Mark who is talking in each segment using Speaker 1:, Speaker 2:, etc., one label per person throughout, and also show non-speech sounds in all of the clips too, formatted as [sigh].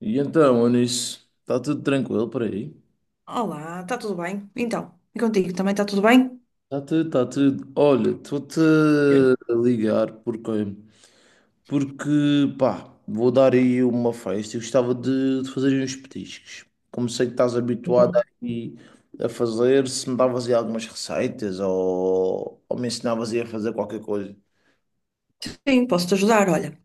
Speaker 1: E então, Onis, está tudo tranquilo por aí?
Speaker 2: Olá, está tudo bem? Então, e contigo também está tudo bem?
Speaker 1: Está tudo, está tudo. Olha, estou-te
Speaker 2: Eu-
Speaker 1: a ligar porque, pá, vou dar aí uma festa e gostava de fazer uns petiscos. Como sei que estás habituado
Speaker 2: Boa.
Speaker 1: aí a fazer, se me davas aí algumas receitas ou me ensinavas aí a fazer qualquer coisa.
Speaker 2: Sim, posso-te ajudar. Olha,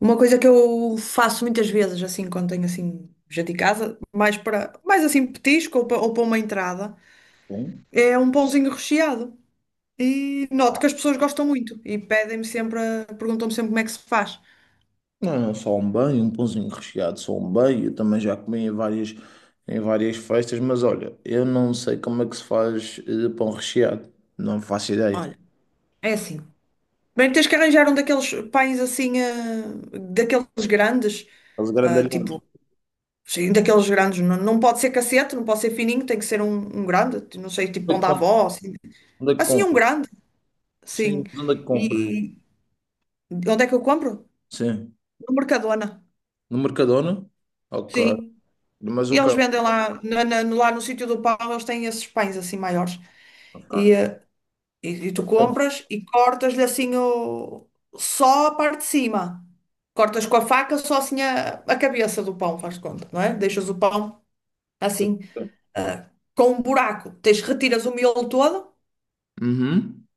Speaker 2: uma coisa que eu faço muitas vezes, assim, quando tenho assim, gente em casa, mais para, mais assim, petisco ou para uma entrada,
Speaker 1: Sim?
Speaker 2: é um pãozinho recheado. E noto que as pessoas gostam muito e pedem-me sempre, perguntam-me sempre como é que se faz.
Speaker 1: Não, só um bem, um pãozinho recheado, só um bem. Eu também já comi em várias festas, mas olha, eu não sei como é que se faz pão recheado. Não faço ideia.
Speaker 2: Olha, é assim. Bem, tens que arranjar um daqueles pães assim, daqueles grandes,
Speaker 1: Os grandalhões.
Speaker 2: tipo. Sim, um daqueles grandes. Não, não pode ser cacete, não pode ser fininho, tem que ser um, um grande. Não sei, tipo
Speaker 1: Onde é
Speaker 2: pão
Speaker 1: que
Speaker 2: da
Speaker 1: compra?
Speaker 2: avó, assim.
Speaker 1: Onde é que
Speaker 2: Assim, um
Speaker 1: compra?
Speaker 2: grande,
Speaker 1: Sim,
Speaker 2: sim.
Speaker 1: mas onde é que compra?
Speaker 2: E onde é que eu compro?
Speaker 1: Sim.
Speaker 2: No Mercadona,
Speaker 1: No Mercadona? Ok.
Speaker 2: sim.
Speaker 1: Mas
Speaker 2: E
Speaker 1: o que
Speaker 2: eles vendem lá, lá no sítio do pão, eles têm esses pães assim maiores.
Speaker 1: Ok.
Speaker 2: E, eh, e tu compras e cortas-lhe assim o, só a parte de cima. Cortas com a faca só assim a cabeça do pão, faz de conta, não é? Deixas o pão assim, ah, com um buraco. Tens, retiras o miolo todo
Speaker 1: Uhum.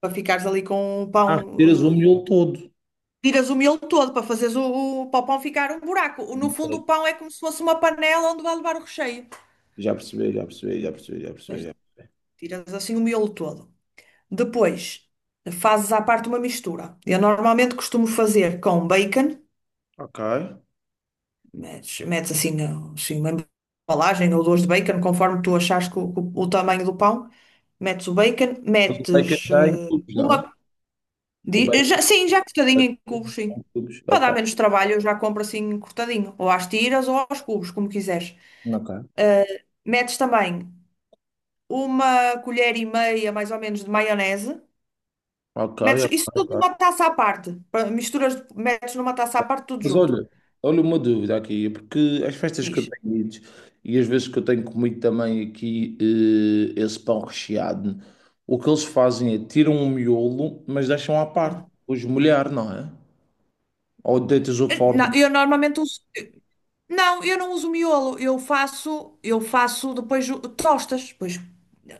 Speaker 2: para ficares ali com o
Speaker 1: Ah, retiras o
Speaker 2: pão.
Speaker 1: miolo todo.
Speaker 2: Tiras o miolo todo para fazeres para o pão ficar um buraco. No fundo,
Speaker 1: Ok.
Speaker 2: o pão é como se fosse uma panela onde vai levar o recheio.
Speaker 1: Já percebi, já percebi, já percebi, já percebi,
Speaker 2: Veste?
Speaker 1: já percebi.
Speaker 2: Tiras assim o miolo todo. Depois, fazes à parte uma mistura. Eu normalmente costumo fazer com bacon,
Speaker 1: Ok.
Speaker 2: metes assim, assim uma embalagem ou duas de bacon, conforme tu achares que o, o tamanho do pão. Metes o bacon,
Speaker 1: Mas o bacon
Speaker 2: metes,
Speaker 1: já é em cubos, não?
Speaker 2: uma.
Speaker 1: o bacon
Speaker 2: Sim, já cortadinho em
Speaker 1: Ok,
Speaker 2: cubos, sim. Para dar
Speaker 1: ok,
Speaker 2: menos trabalho, eu já compro assim cortadinho, ou às tiras ou aos cubos, como quiseres. Ah, metes também uma colher e meia, mais ou menos, de maionese.
Speaker 1: ok,
Speaker 2: Metes isso tudo numa
Speaker 1: ok.
Speaker 2: taça à parte. Misturas, metes numa taça à parte, tudo
Speaker 1: Mas
Speaker 2: junto.
Speaker 1: olha, olha uma dúvida aqui, porque as festas que eu
Speaker 2: Diz.
Speaker 1: tenho ido e as vezes que eu tenho comido também aqui esse pão recheado, o que eles fazem é tiram o miolo, mas deixam à
Speaker 2: Ah.
Speaker 1: parte, os molhar, não é? Ou deitas-o fora,
Speaker 2: Não, eu normalmente uso. Não, eu não uso miolo. Eu faço depois tostas. Depois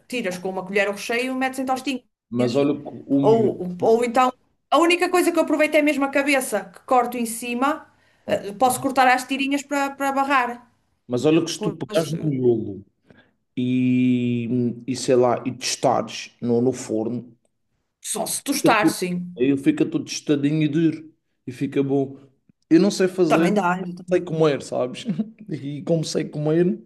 Speaker 2: tiras com uma colher o recheio e metes em tostinhas.
Speaker 1: mas olha que o miolo.
Speaker 2: Ou então, a única coisa que eu aproveito é mesmo a cabeça, que corto em cima, posso
Speaker 1: Ok.
Speaker 2: cortar às tirinhas para barrar.
Speaker 1: Mas olha que se tu
Speaker 2: Com
Speaker 1: pegares no
Speaker 2: esse-
Speaker 1: miolo e, e sei lá, e testares no, no forno.
Speaker 2: Só se
Speaker 1: Fica
Speaker 2: tostar,
Speaker 1: tudo-
Speaker 2: sim.
Speaker 1: Aí ele fica todo tostadinho e duro. E fica bom. Eu não sei
Speaker 2: Também
Speaker 1: fazer,
Speaker 2: dá.
Speaker 1: sei comer, sabes? [laughs] E como sei comer.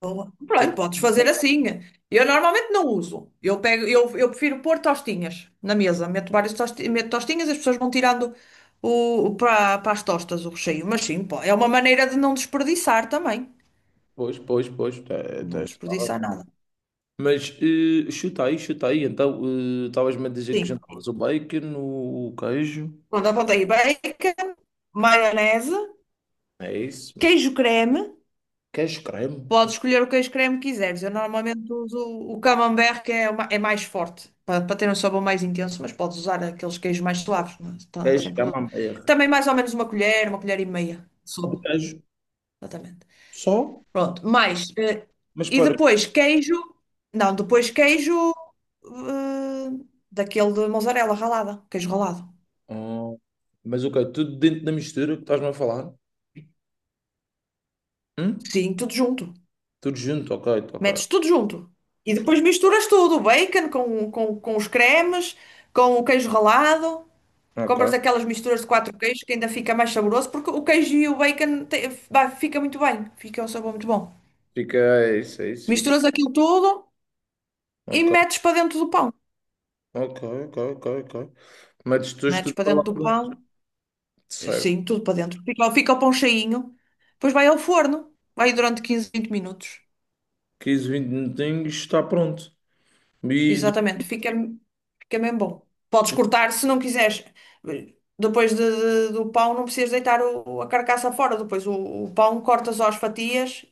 Speaker 2: Boa.
Speaker 1: sei
Speaker 2: Pronto,
Speaker 1: que-
Speaker 2: podes fazer assim. Eu normalmente não uso. Eu prefiro pôr tostinhas na mesa. Meto tostinhas, as pessoas vão tirando para as tostas o recheio. Mas sim, pô, é uma maneira de não desperdiçar também.
Speaker 1: Pois, pois, pois.
Speaker 2: Não
Speaker 1: Está
Speaker 2: desperdiçar
Speaker 1: bom.
Speaker 2: nada.
Speaker 1: Mas chuta aí, chuta aí. Então, estavas-me a dizer que
Speaker 2: Sim.
Speaker 1: jantavas o bacon, o queijo.
Speaker 2: Pronto, apontei bacon, maionese,
Speaker 1: É isso.
Speaker 2: queijo creme.
Speaker 1: Queijo creme.
Speaker 2: Podes escolher o queijo creme que quiseres. Eu normalmente uso o camembert, que é, é mais forte, para ter um sabor mais intenso, mas podes usar aqueles queijos mais suaves, não é?
Speaker 1: Queijo
Speaker 2: Sem problema.
Speaker 1: camembert.
Speaker 2: Também mais ou menos uma colher e meia de
Speaker 1: De
Speaker 2: sopa,
Speaker 1: queijo.
Speaker 2: exatamente.
Speaker 1: Só?
Speaker 2: Pronto, mais.
Speaker 1: Mas
Speaker 2: E
Speaker 1: para.
Speaker 2: depois queijo. Não, depois queijo eh, daquele de mozzarella ralada, queijo ralado.
Speaker 1: Ah, mas ok, tudo dentro da mistura que estás-me a falar? Hum?
Speaker 2: Sim, tudo junto.
Speaker 1: Tudo junto, ok, ok.
Speaker 2: Metes tudo junto. E depois misturas tudo, o bacon com os cremes, com o queijo ralado. Compras
Speaker 1: Ok.
Speaker 2: aquelas misturas de quatro queijos que ainda fica mais saboroso, porque o queijo e o bacon fica muito bem, fica um sabor muito bom.
Speaker 1: Fica, é isso, fica.
Speaker 2: Misturas aquilo tudo e
Speaker 1: Ok,
Speaker 2: metes para dentro do pão.
Speaker 1: ok, ok, ok, ok. Metes depois
Speaker 2: Metes
Speaker 1: tudo
Speaker 2: para
Speaker 1: para lá
Speaker 2: dentro do
Speaker 1: para
Speaker 2: pão,
Speaker 1: dentro. Certo.
Speaker 2: sim, tudo para dentro. Fica o pão cheinho, depois vai ao forno, vai durante 15 a 20 minutos.
Speaker 1: 15, 20 minutinhos, está pronto. E depois-
Speaker 2: Exatamente, fica mesmo bom. Podes cortar se não quiseres. Depois do pão, não precisas deitar a carcaça fora. Depois o pão cortas às fatias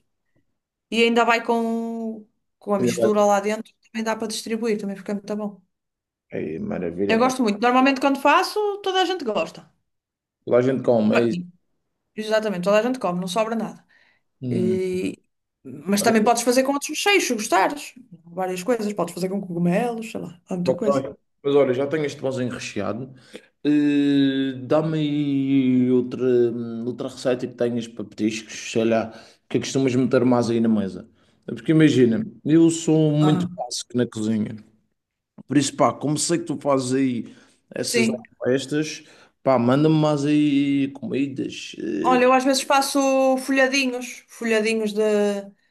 Speaker 2: e ainda vai com a mistura lá dentro. Também dá para distribuir, também fica muito bom.
Speaker 1: Ei, maravilha,
Speaker 2: Eu
Speaker 1: então.
Speaker 2: gosto muito. Normalmente, quando faço, toda a gente gosta.
Speaker 1: Lá a gente come, é
Speaker 2: Bem,
Speaker 1: isso.
Speaker 2: exatamente, toda a gente come, não sobra nada.
Speaker 1: Hum,
Speaker 2: E- mas também
Speaker 1: Maravilha.
Speaker 2: podes fazer com outros mexeios, se gostares. Várias coisas. Podes fazer com cogumelos, sei lá, há muita coisa.
Speaker 1: Ok. Mas olha, já tenho este pãozinho recheado. Dá-me aí outra, outra receita que tenhas para petiscos, sei lá, que costumas meter mais aí na mesa. É porque imagina, eu sou muito
Speaker 2: Aham.
Speaker 1: básico na cozinha. Por isso, pá, como sei que tu fazes aí essas
Speaker 2: Sim.
Speaker 1: festas, pá, manda-me mais aí comidas. Eh.
Speaker 2: Olha, eu às vezes faço folhadinhos, folhadinhos de,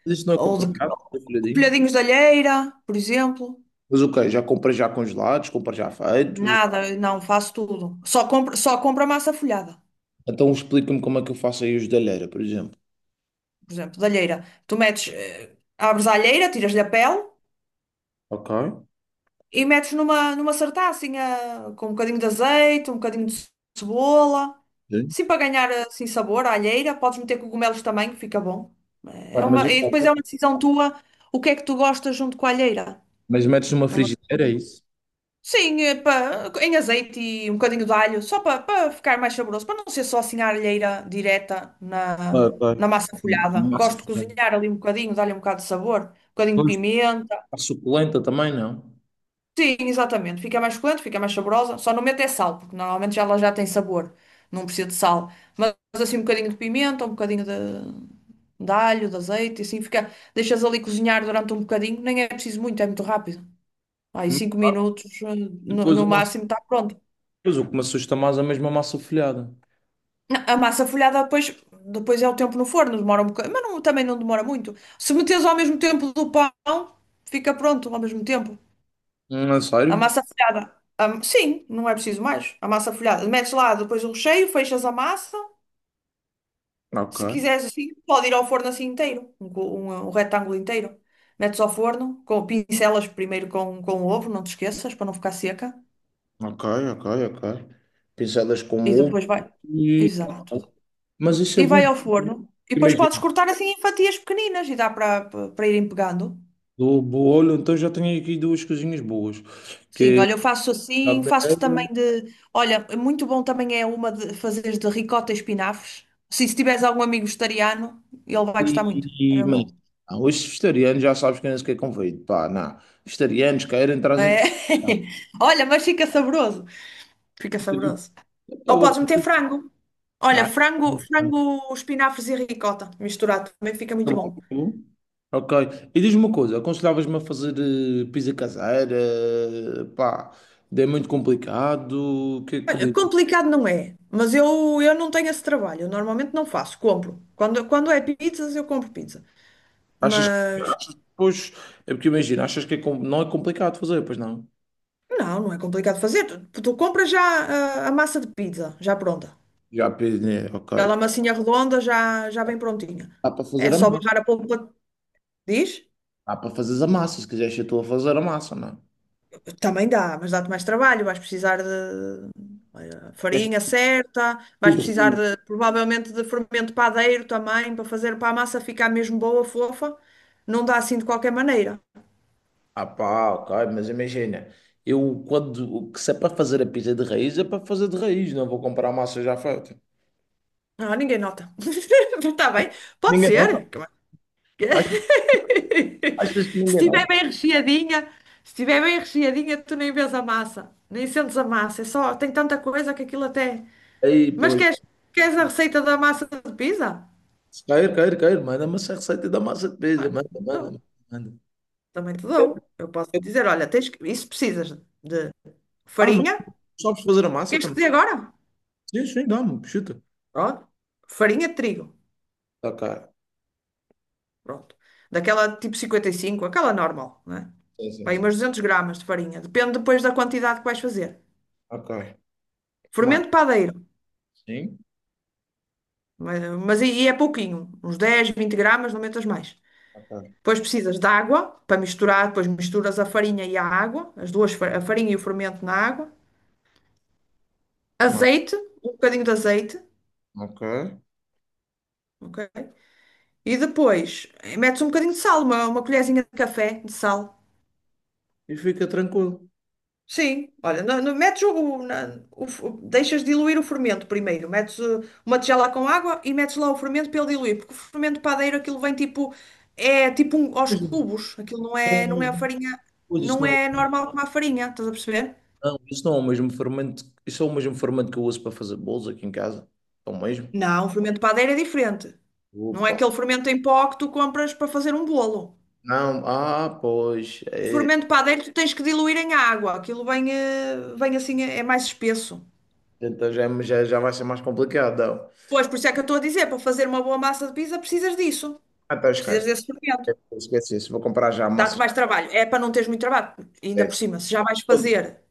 Speaker 1: Isso não é
Speaker 2: ou de,
Speaker 1: complicado, folhadinhos.
Speaker 2: folhadinhos de alheira, por exemplo.
Speaker 1: Mas ok, já comprei já congelados, comprei já feitos.
Speaker 2: Nada, não, faço tudo. Só compro a massa folhada,
Speaker 1: Então explica-me como é que eu faço aí os da alheira, por exemplo.
Speaker 2: por exemplo, de alheira. Tu metes, abres a alheira, tiras-lhe a pele
Speaker 1: Ok.
Speaker 2: e metes numa sartacinha com um bocadinho de azeite, um bocadinho de cebola.
Speaker 1: Sim.
Speaker 2: Sim, para ganhar assim sabor à alheira, podes meter cogumelos também, que fica bom.
Speaker 1: Pá,
Speaker 2: É
Speaker 1: mas
Speaker 2: uma, e depois é uma
Speaker 1: ok.
Speaker 2: decisão tua, o que é que tu gostas junto com a alheira.
Speaker 1: Mas metes numa
Speaker 2: É uma...
Speaker 1: frigideira, é isso?
Speaker 2: Sim, pá, em azeite e um bocadinho de alho, só para ficar mais saboroso, para não ser só assim a alheira direta na,
Speaker 1: Ok.
Speaker 2: na massa folhada.
Speaker 1: Uma massa
Speaker 2: Gosto de
Speaker 1: folhada.
Speaker 2: cozinhar ali um bocadinho, dar-lhe um bocado de sabor, um bocadinho de
Speaker 1: Depois
Speaker 2: pimenta.
Speaker 1: a suculenta também, não?
Speaker 2: Sim, exatamente. Fica mais suculento, fica mais saborosa. Só não mete é sal, porque normalmente já ela já tem sabor, não precisa de sal. Mas assim um bocadinho de pimenta, um bocadinho de azeite, e assim fica. Deixas ali cozinhar durante um bocadinho, nem é preciso muito, é muito rápido. Aí 5 minutos, no,
Speaker 1: Depois
Speaker 2: no
Speaker 1: a massa.
Speaker 2: máximo, está pronto.
Speaker 1: Depois o que me assusta mais é mesmo a massa folhada.
Speaker 2: Não, a massa folhada depois, depois é o tempo no forno, demora um bocado, mas também não demora muito. Se meteres ao mesmo tempo do pão, fica pronto ao mesmo tempo.
Speaker 1: É
Speaker 2: A
Speaker 1: sério?
Speaker 2: massa folhada. Sim, não é preciso mais. A massa folhada. Metes lá depois o recheio, fechas a massa. Se
Speaker 1: Ok.
Speaker 2: quiseres assim, pode ir ao forno assim inteiro, um, um retângulo inteiro. Metes ao forno, com, pincelas primeiro com o ovo, não te esqueças, para não ficar seca.
Speaker 1: Ok, ok, ok. Pinceladas com
Speaker 2: E
Speaker 1: ovo
Speaker 2: depois vai.
Speaker 1: e.
Speaker 2: Exato.
Speaker 1: Mas isso
Speaker 2: E
Speaker 1: é
Speaker 2: vai
Speaker 1: bom.
Speaker 2: ao forno. E depois podes
Speaker 1: Imagina,
Speaker 2: cortar assim em fatias pequeninas e dá para irem pegando.
Speaker 1: do bolo, então já tenho aqui duas coisinhas boas,
Speaker 2: Sim,
Speaker 1: que
Speaker 2: olha, eu
Speaker 1: é
Speaker 2: faço assim, faço
Speaker 1: cabelo
Speaker 2: também de. Olha, é muito bom também é uma de fazeres de ricota e espinafres. Sim, se tiveres algum amigo vegetariano, ele vai gostar muito. É
Speaker 1: e
Speaker 2: mesmo
Speaker 1: mas,
Speaker 2: bom.
Speaker 1: não, os vegetarianos já sabes quem é que é convido. Pá, não. Vegetarianos querem, trazem.
Speaker 2: É.
Speaker 1: Pá, eu
Speaker 2: [laughs] Olha, mas fica saboroso. Fica
Speaker 1: acredito.
Speaker 2: saboroso.
Speaker 1: Tá
Speaker 2: Ou podes meter frango. Olha, frango, frango, espinafres e ricota. Misturado também fica muito
Speaker 1: bom, tá
Speaker 2: bom.
Speaker 1: bom. Ok. E diz-me uma coisa, aconselhavas-me a fazer pizza caseira? Pá, é muito complicado. O que é que
Speaker 2: Olha, complicado não é, mas eu não tenho esse trabalho. Eu normalmente não faço, compro. Quando é pizzas, eu compro pizza.
Speaker 1: Achas que.
Speaker 2: Mas
Speaker 1: Achas, que pois, é porque imagina, achas que é, não é complicado fazer, pois não?
Speaker 2: não, não é complicado fazer. Tu compras já a, massa de pizza, já pronta.
Speaker 1: Já, né, ok.
Speaker 2: Aquela massinha redonda já bem prontinha.
Speaker 1: Dá para
Speaker 2: É
Speaker 1: fazer a
Speaker 2: só
Speaker 1: massa.
Speaker 2: barrar a polpa, diz?
Speaker 1: Dá para fazeres a massa, se quiseres ser tu a fazer a massa, não é?
Speaker 2: Também dá, mas dá-te mais trabalho. Vais precisar de
Speaker 1: Quiseres
Speaker 2: farinha certa, vais
Speaker 1: tudo
Speaker 2: precisar
Speaker 1: raiz.
Speaker 2: de, provavelmente de fermento padeiro também, para fazer para a massa ficar mesmo boa, fofa. Não dá assim de qualquer maneira.
Speaker 1: Ah pá, ok, mas imagina, eu quando, que se é para fazer a pizza de raiz, é para fazer de raiz, não vou comprar a massa já feita.
Speaker 2: Ah, ninguém nota. [laughs] Está bem. Pode
Speaker 1: Ninguém nota?
Speaker 2: ser.
Speaker 1: Achas, achas que
Speaker 2: [laughs]
Speaker 1: ninguém
Speaker 2: Se estiver
Speaker 1: nota?
Speaker 2: bem recheadinha, se estiver bem recheadinha, tu nem vês a massa, nem sentes a massa. É só, tem tanta coisa que aquilo até.
Speaker 1: Aí,
Speaker 2: Mas
Speaker 1: pois,
Speaker 2: queres a receita da massa de pizza?
Speaker 1: se cair, cair, cair, manda-me essa receita da massa de pizza,
Speaker 2: Ah,
Speaker 1: manda,
Speaker 2: dou.
Speaker 1: manda, manda.
Speaker 2: Também te
Speaker 1: Eu-
Speaker 2: dou. Eu posso
Speaker 1: eu-
Speaker 2: dizer, olha, isso precisas de
Speaker 1: Ah, mas
Speaker 2: farinha.
Speaker 1: tu sabes fazer a massa
Speaker 2: Queres que
Speaker 1: também?
Speaker 2: te dê agora?
Speaker 1: Sim, sim, dá, mano. Chuta.
Speaker 2: Pronto. Farinha de trigo.
Speaker 1: Ok.
Speaker 2: Pronto. Daquela tipo 55 aquela normal, né?
Speaker 1: Sim, sim,
Speaker 2: Bem,
Speaker 1: sim.
Speaker 2: umas 200 gramas de farinha. Depende depois da quantidade que vais fazer.
Speaker 1: Ok. Mais.
Speaker 2: Fermento padeiro.
Speaker 1: Sim.
Speaker 2: Mas, mas e é pouquinho. Uns 10, 20 gramas, não metas mais.
Speaker 1: Ok.
Speaker 2: Depois precisas de água para misturar. Depois misturas a farinha e a água. As duas, a farinha e o fermento na água.
Speaker 1: No-
Speaker 2: Azeite. Um bocadinho de azeite.
Speaker 1: Ok.
Speaker 2: Ok? E depois metes um bocadinho de sal. Uma colherzinha de café de sal.
Speaker 1: E fica tranquilo.
Speaker 2: Sim, olha, metes deixas diluir o fermento primeiro, metes uma tigela com água e metes lá o fermento para ele diluir, porque o fermento padeiro aquilo vem tipo, é tipo aos
Speaker 1: Mas não
Speaker 2: cubos, aquilo não é, não é a
Speaker 1: é
Speaker 2: farinha,
Speaker 1: isso
Speaker 2: não
Speaker 1: não,
Speaker 2: é normal como a farinha, estás a perceber?
Speaker 1: não, isso não é o mesmo fermento. Isso é o mesmo fermento que eu uso para fazer bolos aqui em casa. É o mesmo.
Speaker 2: Não, o fermento padeiro é diferente. Não é
Speaker 1: Opa.
Speaker 2: aquele fermento em pó que tu compras para fazer um bolo.
Speaker 1: Não, ah, pois.
Speaker 2: O
Speaker 1: É,
Speaker 2: fermento padeiro tu tens que diluir em água, aquilo vem, vem assim, é mais espesso.
Speaker 1: então já, é, já, já vai ser mais complicado. Não.
Speaker 2: Pois, por isso é que eu estou a dizer, para fazer uma boa massa de pizza precisas disso.
Speaker 1: Ah, então
Speaker 2: Precisas
Speaker 1: esquece.
Speaker 2: desse documento.
Speaker 1: Esquece isso. Vou comprar já a
Speaker 2: Dá-te
Speaker 1: massa.
Speaker 2: mais trabalho. É para não teres muito trabalho. Ainda
Speaker 1: É,
Speaker 2: por cima, se já vais fazer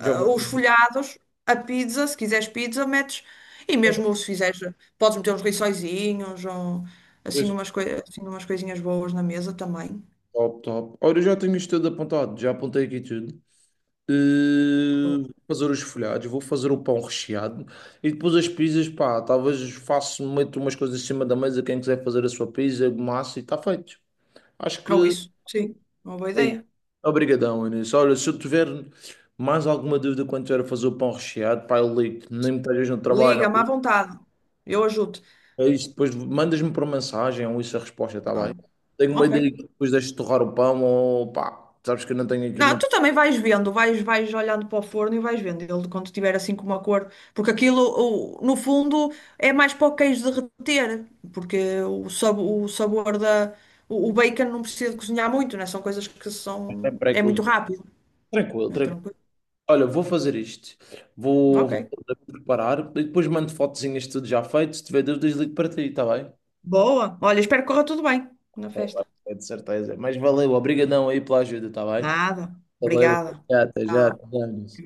Speaker 1: já vou.
Speaker 2: os folhados, a pizza, se quiseres pizza, metes. E mesmo se fizeres, podes meter uns rissóizinhos ou assim umas, assim umas coisinhas boas na mesa também.
Speaker 1: Top, top. Olha, eu já tenho isto tudo apontado. Já apontei aqui tudo. Eh,
Speaker 2: Ou,
Speaker 1: vou fazer os folhados, vou fazer o pão recheado e depois as pizzas, pá, talvez faço, meto umas coisas em cima da mesa, quem quiser fazer a sua pizza, massa e está feito. Acho que
Speaker 2: sim, uma boa
Speaker 1: é isso.
Speaker 2: ideia.
Speaker 1: Obrigadão, Inês. Olha, se eu tiver mais alguma dúvida quando tiver a fazer o pão recheado, pá, eu ligo nem me estejas no trabalho.
Speaker 2: Liga-me à vontade. Eu ajudo.
Speaker 1: É isso, depois mandas-me por mensagem ou isso a resposta, está bem?
Speaker 2: Ah,
Speaker 1: Tenho uma
Speaker 2: ok.
Speaker 1: ideia que depois deixo torrar o pão ou pá, sabes que eu não tenho aqui
Speaker 2: Não,
Speaker 1: muito
Speaker 2: tu também vais vendo, vais olhando para o forno e vais vendo ele quando tiver assim com uma cor, porque aquilo, no fundo, é mais para o queijo derreter, porque o sabor da. O bacon não precisa de cozinhar muito, né? São coisas que são.
Speaker 1: tempo para
Speaker 2: É muito
Speaker 1: cozinhar.
Speaker 2: rápido,
Speaker 1: Tranquilo,
Speaker 2: é
Speaker 1: tranquilo.
Speaker 2: tranquilo.
Speaker 1: Olha, vou fazer isto. Vou,
Speaker 2: Ok.
Speaker 1: vou preparar e depois mando fotozinhas de tudo já feito. Se tiver dúvidas, ligo para ti, está bem?
Speaker 2: Boa. Olha, espero que corra tudo bem na festa.
Speaker 1: É de certeza. Mas valeu, obrigadão aí pela ajuda, está bem?
Speaker 2: Nada.
Speaker 1: Valeu, até
Speaker 2: Obrigada.
Speaker 1: já, até já.
Speaker 2: Tchau.
Speaker 1: Até já,